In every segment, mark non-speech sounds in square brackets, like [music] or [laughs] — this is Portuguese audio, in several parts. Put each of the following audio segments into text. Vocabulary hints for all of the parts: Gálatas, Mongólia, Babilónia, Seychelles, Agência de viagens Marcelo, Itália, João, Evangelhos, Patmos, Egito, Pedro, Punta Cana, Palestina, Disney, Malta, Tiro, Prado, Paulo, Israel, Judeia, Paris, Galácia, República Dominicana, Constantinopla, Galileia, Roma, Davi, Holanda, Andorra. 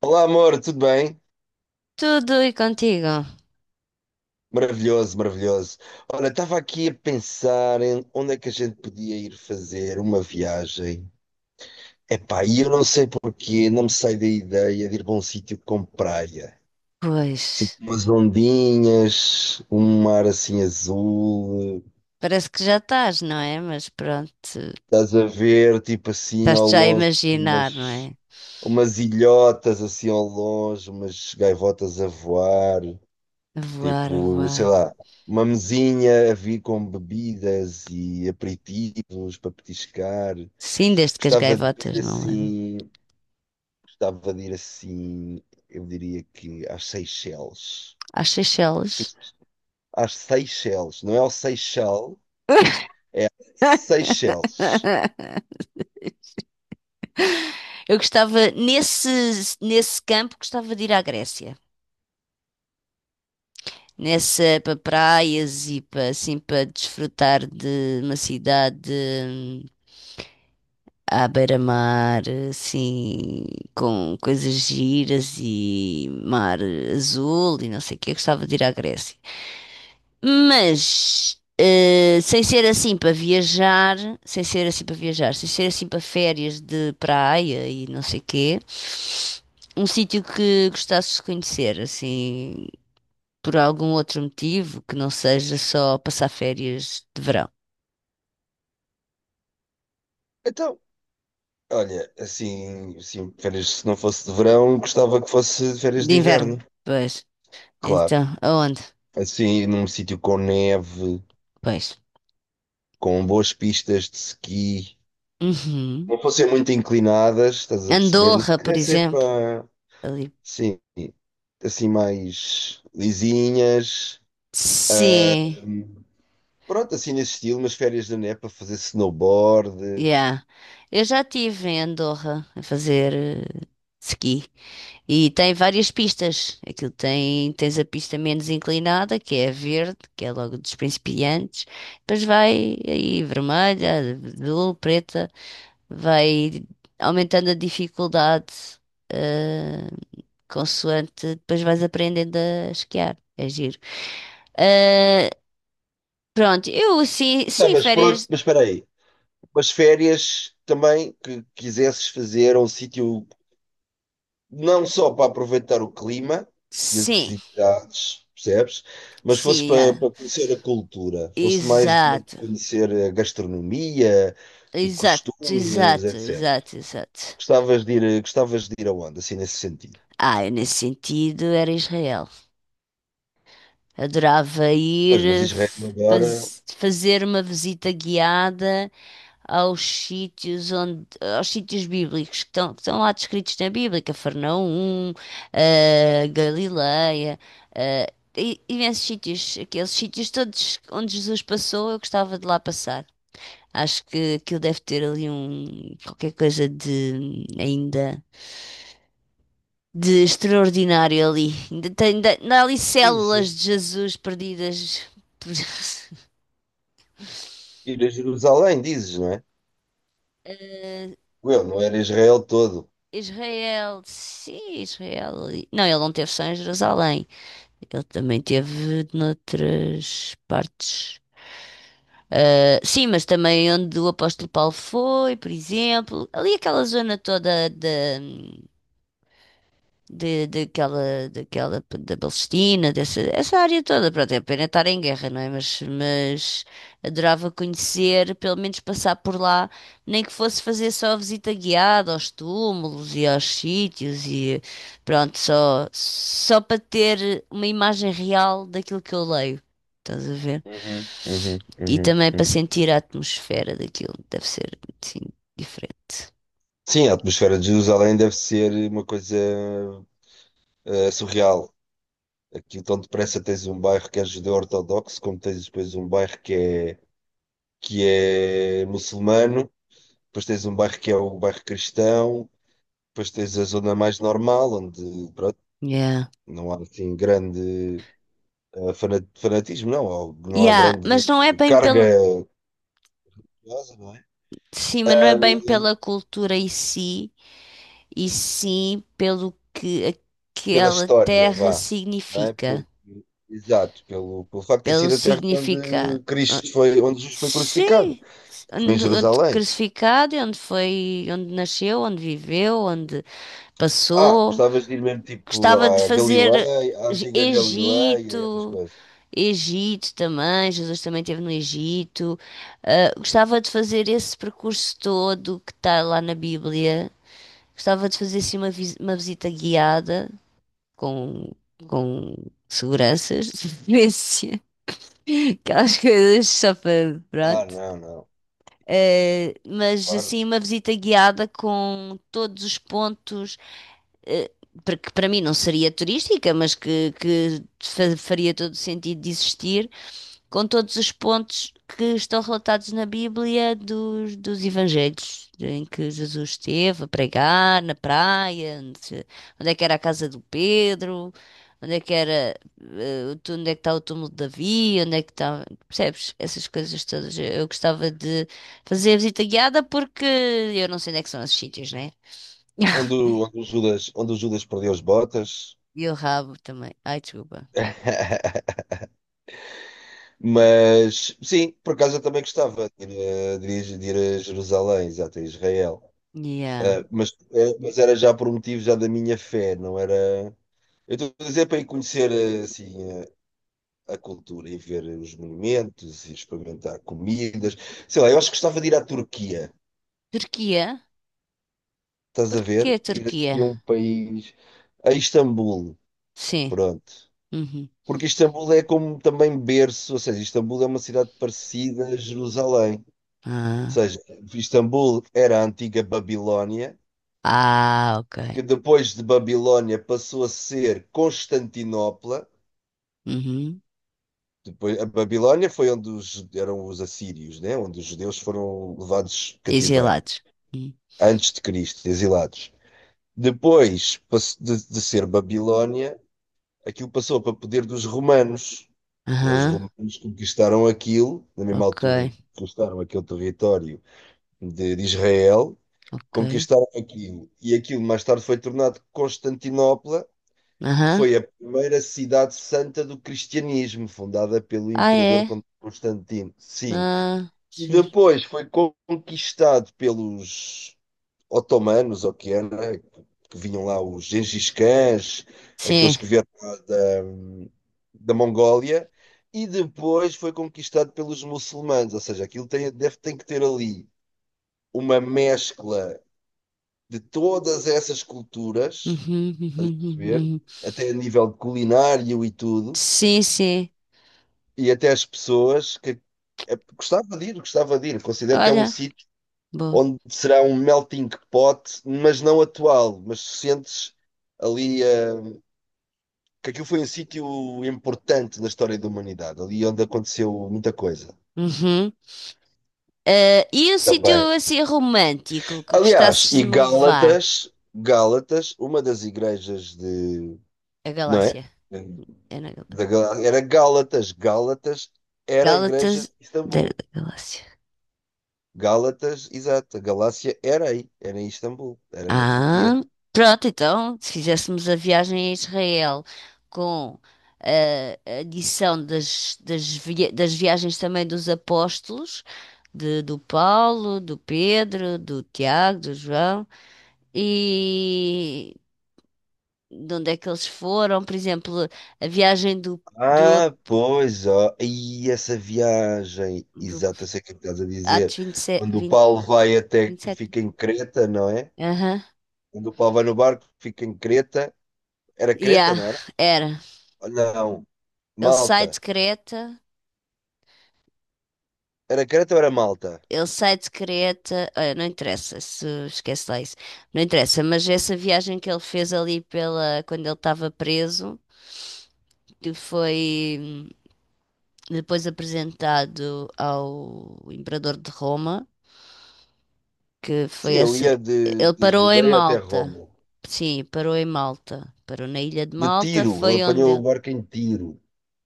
Olá, amor, tudo bem? Tudo e contigo? Maravilhoso, maravilhoso. Olha, estava aqui a pensar em onde é que a gente podia ir fazer uma viagem. Epá, e eu não sei porquê, não me sai da ideia de ir para um sítio com praia. Pois, Assim, com umas ondinhas, um mar assim azul, parece que já estás, não é? Mas pronto, estás a ver, tipo assim, ao estás-te já a longe, assim, imaginar, não é? umas, umas ilhotas assim ao longe, umas gaivotas a voar. A voar, a Tipo, sei voar. lá, uma mesinha a vir com bebidas e aperitivos para petiscar. Sim, desde que as Gostava de gaivotas ir não levam. assim, gostava de ir assim, eu diria que às Seychelles. Às Seychelles. Às Seychelles, não é ao Seychelles, Seychelles. [laughs] Eu gostava, nesse campo, gostava de ir à Grécia. Nessa, para praias e para, assim, para desfrutar de uma cidade hum, à beira-mar, assim, com coisas giras e mar azul e não sei o que. Eu gostava de ir à Grécia. Mas, sem ser assim para viajar, sem ser assim para viajar, sem ser assim para férias de praia e não sei o quê, um sítio que gostasses de conhecer, assim, por algum outro motivo que não seja só passar férias de verão, Então, olha, assim, assim, férias, se não fosse de verão, gostava que fosse de férias de de inverno, inverno, pois. claro. Então, aonde? Assim, num sítio com neve, Pois. com boas pistas de esqui Uhum. não fossem muito inclinadas, estás a perceber? Mas Andorra, por queria ser exemplo. para, Ali. sim, assim mais lisinhas. Sim, Pronto, assim nesse estilo, umas férias da neve para fazer snowboard. yeah. Eu já estive em Andorra a fazer ski e tem várias pistas. Aquilo tem, tens a pista menos inclinada, que é a verde, que é logo dos principiantes. Depois vai aí vermelha, azul, preta, vai aumentando a dificuldade, eh, consoante, depois vais aprendendo a esquiar. É giro. Ah, pronto, eu sim, Não, sim, mas pronto, férias, mas espera aí. Umas férias também que quisesses fazer a um sítio não só para aproveitar o clima e as sim, atividades, percebes? Mas fosse sim, para, ah, para conhecer a cultura, fosse mais numa de exato, conhecer a gastronomia e exato, costumes, exato, etc. exato, exato. Gostavas de ir aonde, assim, nesse sentido? Ah, eu nesse sentido era Israel. Adorava ir Pois, mas Israel agora. Fazer uma visita guiada aos sítios onde, aos sítios bíblicos que estão lá descritos na Bíblia, Cafarnaum, Galileia, eh, imensos sítios, aqueles sítios todos onde Jesus passou, eu gostava de lá passar. Acho que aquilo deve ter ali um qualquer coisa de ainda de extraordinário ali. Ainda há ali Sim, células sim. de Jesus perdidas por [laughs] Ir a Jerusalém, dizes, não é? Eh, Eu não era Israel todo. Israel. Sim, Israel. Ali. Não, ele não teve só em Jerusalém. Ele também teve noutras partes. Sim, mas também onde o apóstolo Paulo foi, por exemplo, ali aquela zona toda da, de, daquela, da Palestina, dessa, essa área toda. Pronto, é pena estar em guerra, não é? Mas adorava conhecer, pelo menos passar por lá, nem que fosse fazer só a visita guiada aos túmulos e aos sítios e pronto, só para ter uma imagem real daquilo que eu leio. Estás a ver? Uhum, uhum, E uhum, também para uhum. sentir a atmosfera daquilo, deve ser assim, diferente. Sim, a atmosfera de Jerusalém deve ser uma coisa surreal. Aqui tão depressa tens um bairro que é judeu ortodoxo, como tens depois um bairro que é muçulmano, depois tens um bairro que é o bairro cristão, depois tens a zona mais normal, onde pronto, Yeah. não há assim grande. Fanatismo, não, ou não há Yeah, grande mas não é bem carga pelo. religiosa, não é? Sim, mas não é bem pela cultura em si, e sim pelo que Pela aquela história, terra vá, não é? significa, Porque, exato, pelo, pelo facto de ter pelo sido a terra significado. onde Cristo foi, onde Jesus foi crucificado, Sim, foi em onde, onde Jerusalém. crucificado, e onde foi, onde nasceu, onde viveu, onde Ah, passou. gostavas de ir mesmo tipo Gostava de à fazer Galileia, à antiga Galileia e outras Egito, coisas. Egito também, Jesus também esteve no Egito. Ah, gostava de fazer esse percurso todo que está lá na Bíblia. Gostava de fazer assim uma visita guiada com, com seguranças, de preferência, [laughs] aquelas coisas só para, Ah, pronto. não, não, Mas claro. assim, uma visita guiada com todos os pontos, eh, para que para mim não seria turística, mas que faria todo o sentido de existir, com todos os pontos que estão relatados na Bíblia dos Evangelhos, em que Jesus esteve a pregar na praia, onde, é que era a casa do Pedro, onde é que era, onde é que está o túmulo de Davi, onde é que está, percebes? Essas coisas todas. Eu gostava de fazer a visita guiada porque eu não sei onde é que são esses sítios, né? Onde, [laughs] onde o Judas perdeu as botas. E o rabo também. Ai, desculpa. [laughs] Mas sim, por acaso eu também gostava de ir, de ir a Jerusalém, exato, a Israel. Yeah. Ah, mas, mas era já por um motivo já da minha fé, não era. Eu estou a dizer para ir conhecer assim, a cultura e ver os monumentos e experimentar comidas. Sei lá, eu acho que gostava de ir à Turquia, Turquia? estás Por a que ver? Ir Turquia? assim a um país, a Istambul, Sim. pronto. Uhum. Porque Istambul é como também berço, ou seja, Istambul é uma cidade parecida a Jerusalém. Ah. Seja, Istambul era a antiga Babilónia, Ah, ok. que depois de Babilónia passou a ser Constantinopla. Uhum. Depois, a Babilónia foi onde os, eram os assírios, né? Onde os judeus foram levados E cativeiro, gelados. Hum. antes de Cristo, exilados. Depois de ser Babilónia, aquilo passou para poder dos romanos. Né? Os Aham. romanos conquistaram aquilo, na mesma Ok, altura em que conquistaram aquele território de Israel. ok. Conquistaram aquilo. E aquilo mais tarde foi tornado Constantinopla, que Aham. foi a primeira cidade santa do cristianismo, fundada pelo Ah, imperador é? Constantino. Sim. Ah, E giro. depois foi conquistado pelos otomanos, ou que era, que vinham lá os Gengis Khans, Sim. aqueles que vieram lá da, da Mongólia, e depois foi conquistado pelos muçulmanos, ou seja, aquilo tem, deve, tem que ter ali uma mescla de todas essas culturas, Uhum, uhum, uhum. perceber? Uhum. Até a nível de culinário e tudo, Sim, sim. e até as pessoas que é, gostava de ir, gostava de ir. Considero que é um Olha, sítio boa. onde será um melting pot, mas não atual, mas sentes ali que aquilo foi um sítio importante na história da humanidade, ali onde aconteceu muita coisa Uhum. E um sítio também. assim romântico que Aliás, gostasses e de me levar? Gálatas, Gálatas, uma das igrejas de, A não é? Galáxia. É na Galáxia. Era Gálatas. Gálatas era a igreja Gálatas de da Istambul. da Galáxia. Gálatas, exato. A Galácia era aí, era em Istambul, era na Turquia. Ah, pronto, então, se fizéssemos a viagem a Israel com a adição das viagens também dos apóstolos, do Paulo, do Pedro, do Tiago, do João, e de onde é que eles foram, por exemplo, a viagem do, do, Ah, pois, ó. E essa viagem, do exato, eu sei o que é que estás a dizer. Atos 27, Quando o 20, Paulo vai até que 27? fica em Creta, não é? Aham. Quando o Paulo vai no barco, fica em Creta. Era Creta, Yeah, não era? era. Não, Ele sai Malta. de Creta. Era Creta ou era Malta? Ele sai de Creta, olha, não interessa se esquece lá isso, não interessa, mas essa viagem que ele fez ali pela, quando ele estava preso, que foi depois apresentado ao Imperador de Roma, que Sim, foi ele essa, ia ele de parou em Judeia até Malta, Roma. sim, parou em Malta, parou na ilha de De Malta, tiro, ele foi onde apanhou o ele, barco em tiro.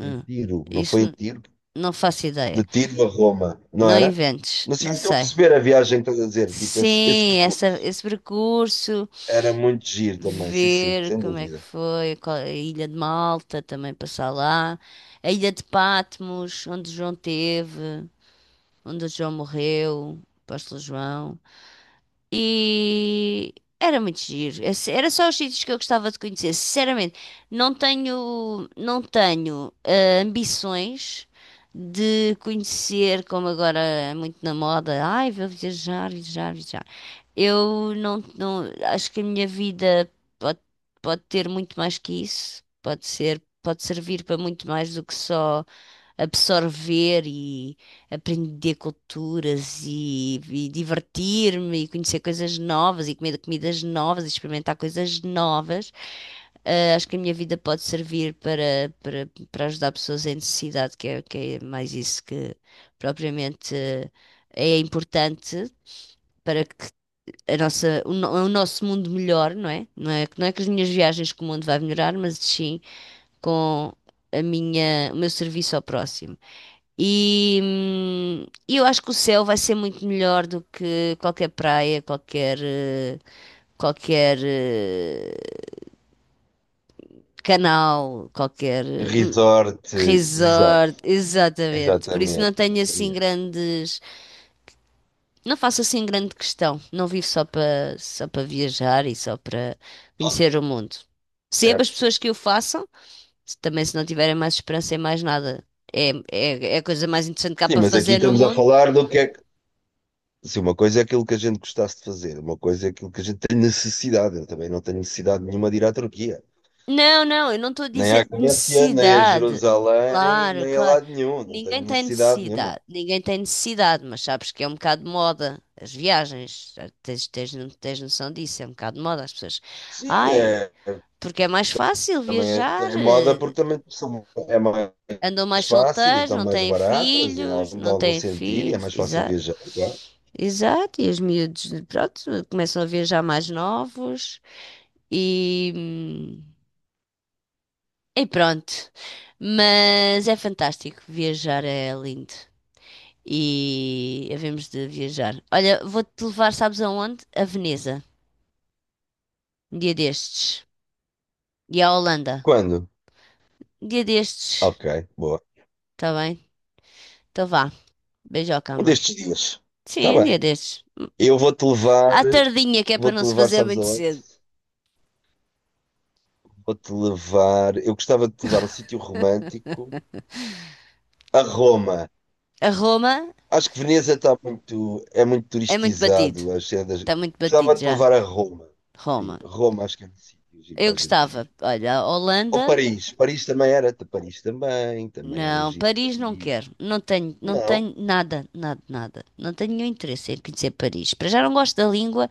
Em hum, tiro, não isso foi em n- tiro? não faço De ideia, tiro a Roma, não não era? inventes, Mas sim, não então sei. perceber a viagem que estás a dizer, tipo, esse Sim, essa, percurso. esse percurso. Era muito giro também, sim, sim, Ver sem como é que dúvida. foi, a Ilha de Malta também passar lá, a Ilha de Patmos, onde João teve, onde João morreu, o apóstolo João. E era muito giro. Era só os sítios que eu gostava de conhecer. Sinceramente, não tenho ambições de conhecer, como agora é muito na moda, ai, vou viajar, viajar, viajar. Eu não, não, acho que a minha vida pode, pode ter muito mais que isso. Pode ser, pode servir para muito mais do que só absorver e aprender culturas e divertir-me e conhecer coisas novas e comer comidas novas e experimentar coisas novas. Ah, acho que a minha vida pode servir para ajudar pessoas em necessidade, que é mais isso que propriamente é importante para que a nossa, o, no- o nosso mundo melhore, não é? Não é com as minhas viagens que o mundo vai melhorar, mas sim com o meu serviço ao próximo. E eu acho que o céu vai ser muito melhor do que qualquer praia, qualquer, qualquer canal, qualquer hum, Resort, exato, resort, exatamente. Por isso exatamente, exatamente. Não faço assim grande questão. Não vivo só para viajar e só para Ah, conhecer o mundo. Sempre as certo. pessoas que o façam, também se não tiverem mais esperança em mais nada. É a coisa mais interessante que há Sim, para mas aqui fazer no estamos a mundo. falar do que é que. Sim, uma coisa é aquilo que a gente gostasse de fazer, uma coisa é aquilo que a gente tem necessidade. Eu também não tenho necessidade nenhuma de ir à Turquia. Não, não, eu não estou a Nem à dizer Grécia, nem a necessidade. Jerusalém, Claro, nem a claro. lado nenhum. Não tenho Ninguém tem necessidade nenhuma. necessidade. Ninguém tem necessidade, mas sabes que é um bocado de moda. As viagens, tens, tens, no- tens noção disso, é um bocado de moda. As pessoas, Sim, ai, é, porque é mais fácil também é, viajar. é moda porque também é mais Andam mais fácil e solteiros, estão não mais têm baratas em filhos, algum, de não algum têm sentido e é filhos. mais fácil Exato, viajar. Claro. exato. E os miúdos, pronto, começam a viajar mais novos. E. E pronto. Mas é fantástico. Viajar é lindo. E havemos de viajar. Olha, vou-te levar, sabes aonde? A Veneza. Um dia destes. E à Holanda. Quando? Um dia destes. Ok, boa. Tá bem? Então vá. Beijoca, Um amor. destes dias. Está Sim, um dia bem. destes. Eu À tardinha, que é para não vou-te se levar, fazer sabes muito aonde? cedo. Vou-te levar. Eu gostava de te levar a um sítio romântico, a Roma. A Roma Acho que Veneza está muito, é muito é muito batido. turistizado. Acho que é das... Está muito Gostava batido de te já. levar a Roma. Sim, Roma. Roma acho que é um sítio giro Eu para a gente gostava. ir. Olha, a Ou Holanda. Paris. Paris também era. Paris também. Também era Não, giro. Paris não Paris. quero. Não tenho, não Não. tenho nada, nada, nada. Não tenho nenhum interesse em conhecer Paris. Para já não gosto da língua,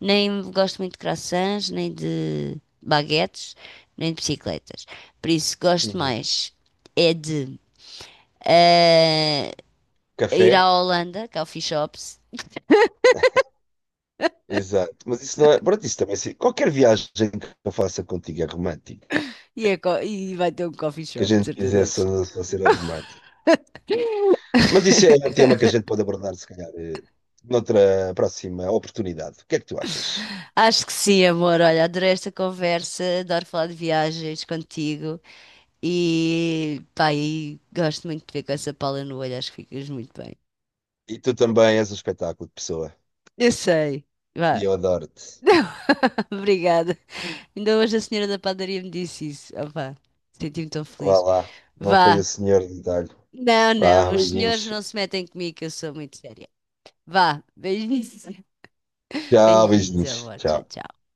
nem gosto muito de croissants, nem de baguetes, nem de bicicletas. Por isso gosto Uhum. mais é de eh, ir Café. à Holanda, é Coffee Shops. Exato. Mas isso não é. Pronto, isso também. Qualquer viagem que eu faça contigo é romântica. E vai ter um coffee Que a shop, de gente certeza fizesse absoluta. a ser romântico. Mas isso é um tema que a [laughs] gente pode abordar, se calhar, noutra próxima oportunidade. O que é que tu achas? Acho que sim, amor. Olha, adorei esta conversa, adoro falar de viagens contigo. E pá, e gosto muito de ver com essa pala no olho, acho que ficas muito bem. E tu também és um espetáculo de pessoa. Eu sei, E vá. eu adoro-te. [laughs] Obrigada. Ainda hoje a senhora da padaria me disse isso. Opá, senti-me tão Vá feliz. lá. Não foi o Vá. senhor de detalhe. Não, Vá, não, os senhores beijinhos. não se metem comigo, que eu sou muito séria. Vá, beijinhos. [laughs] Tchau, Beijinhos, beijinhos. amor. Tchau, Tchau. tchau.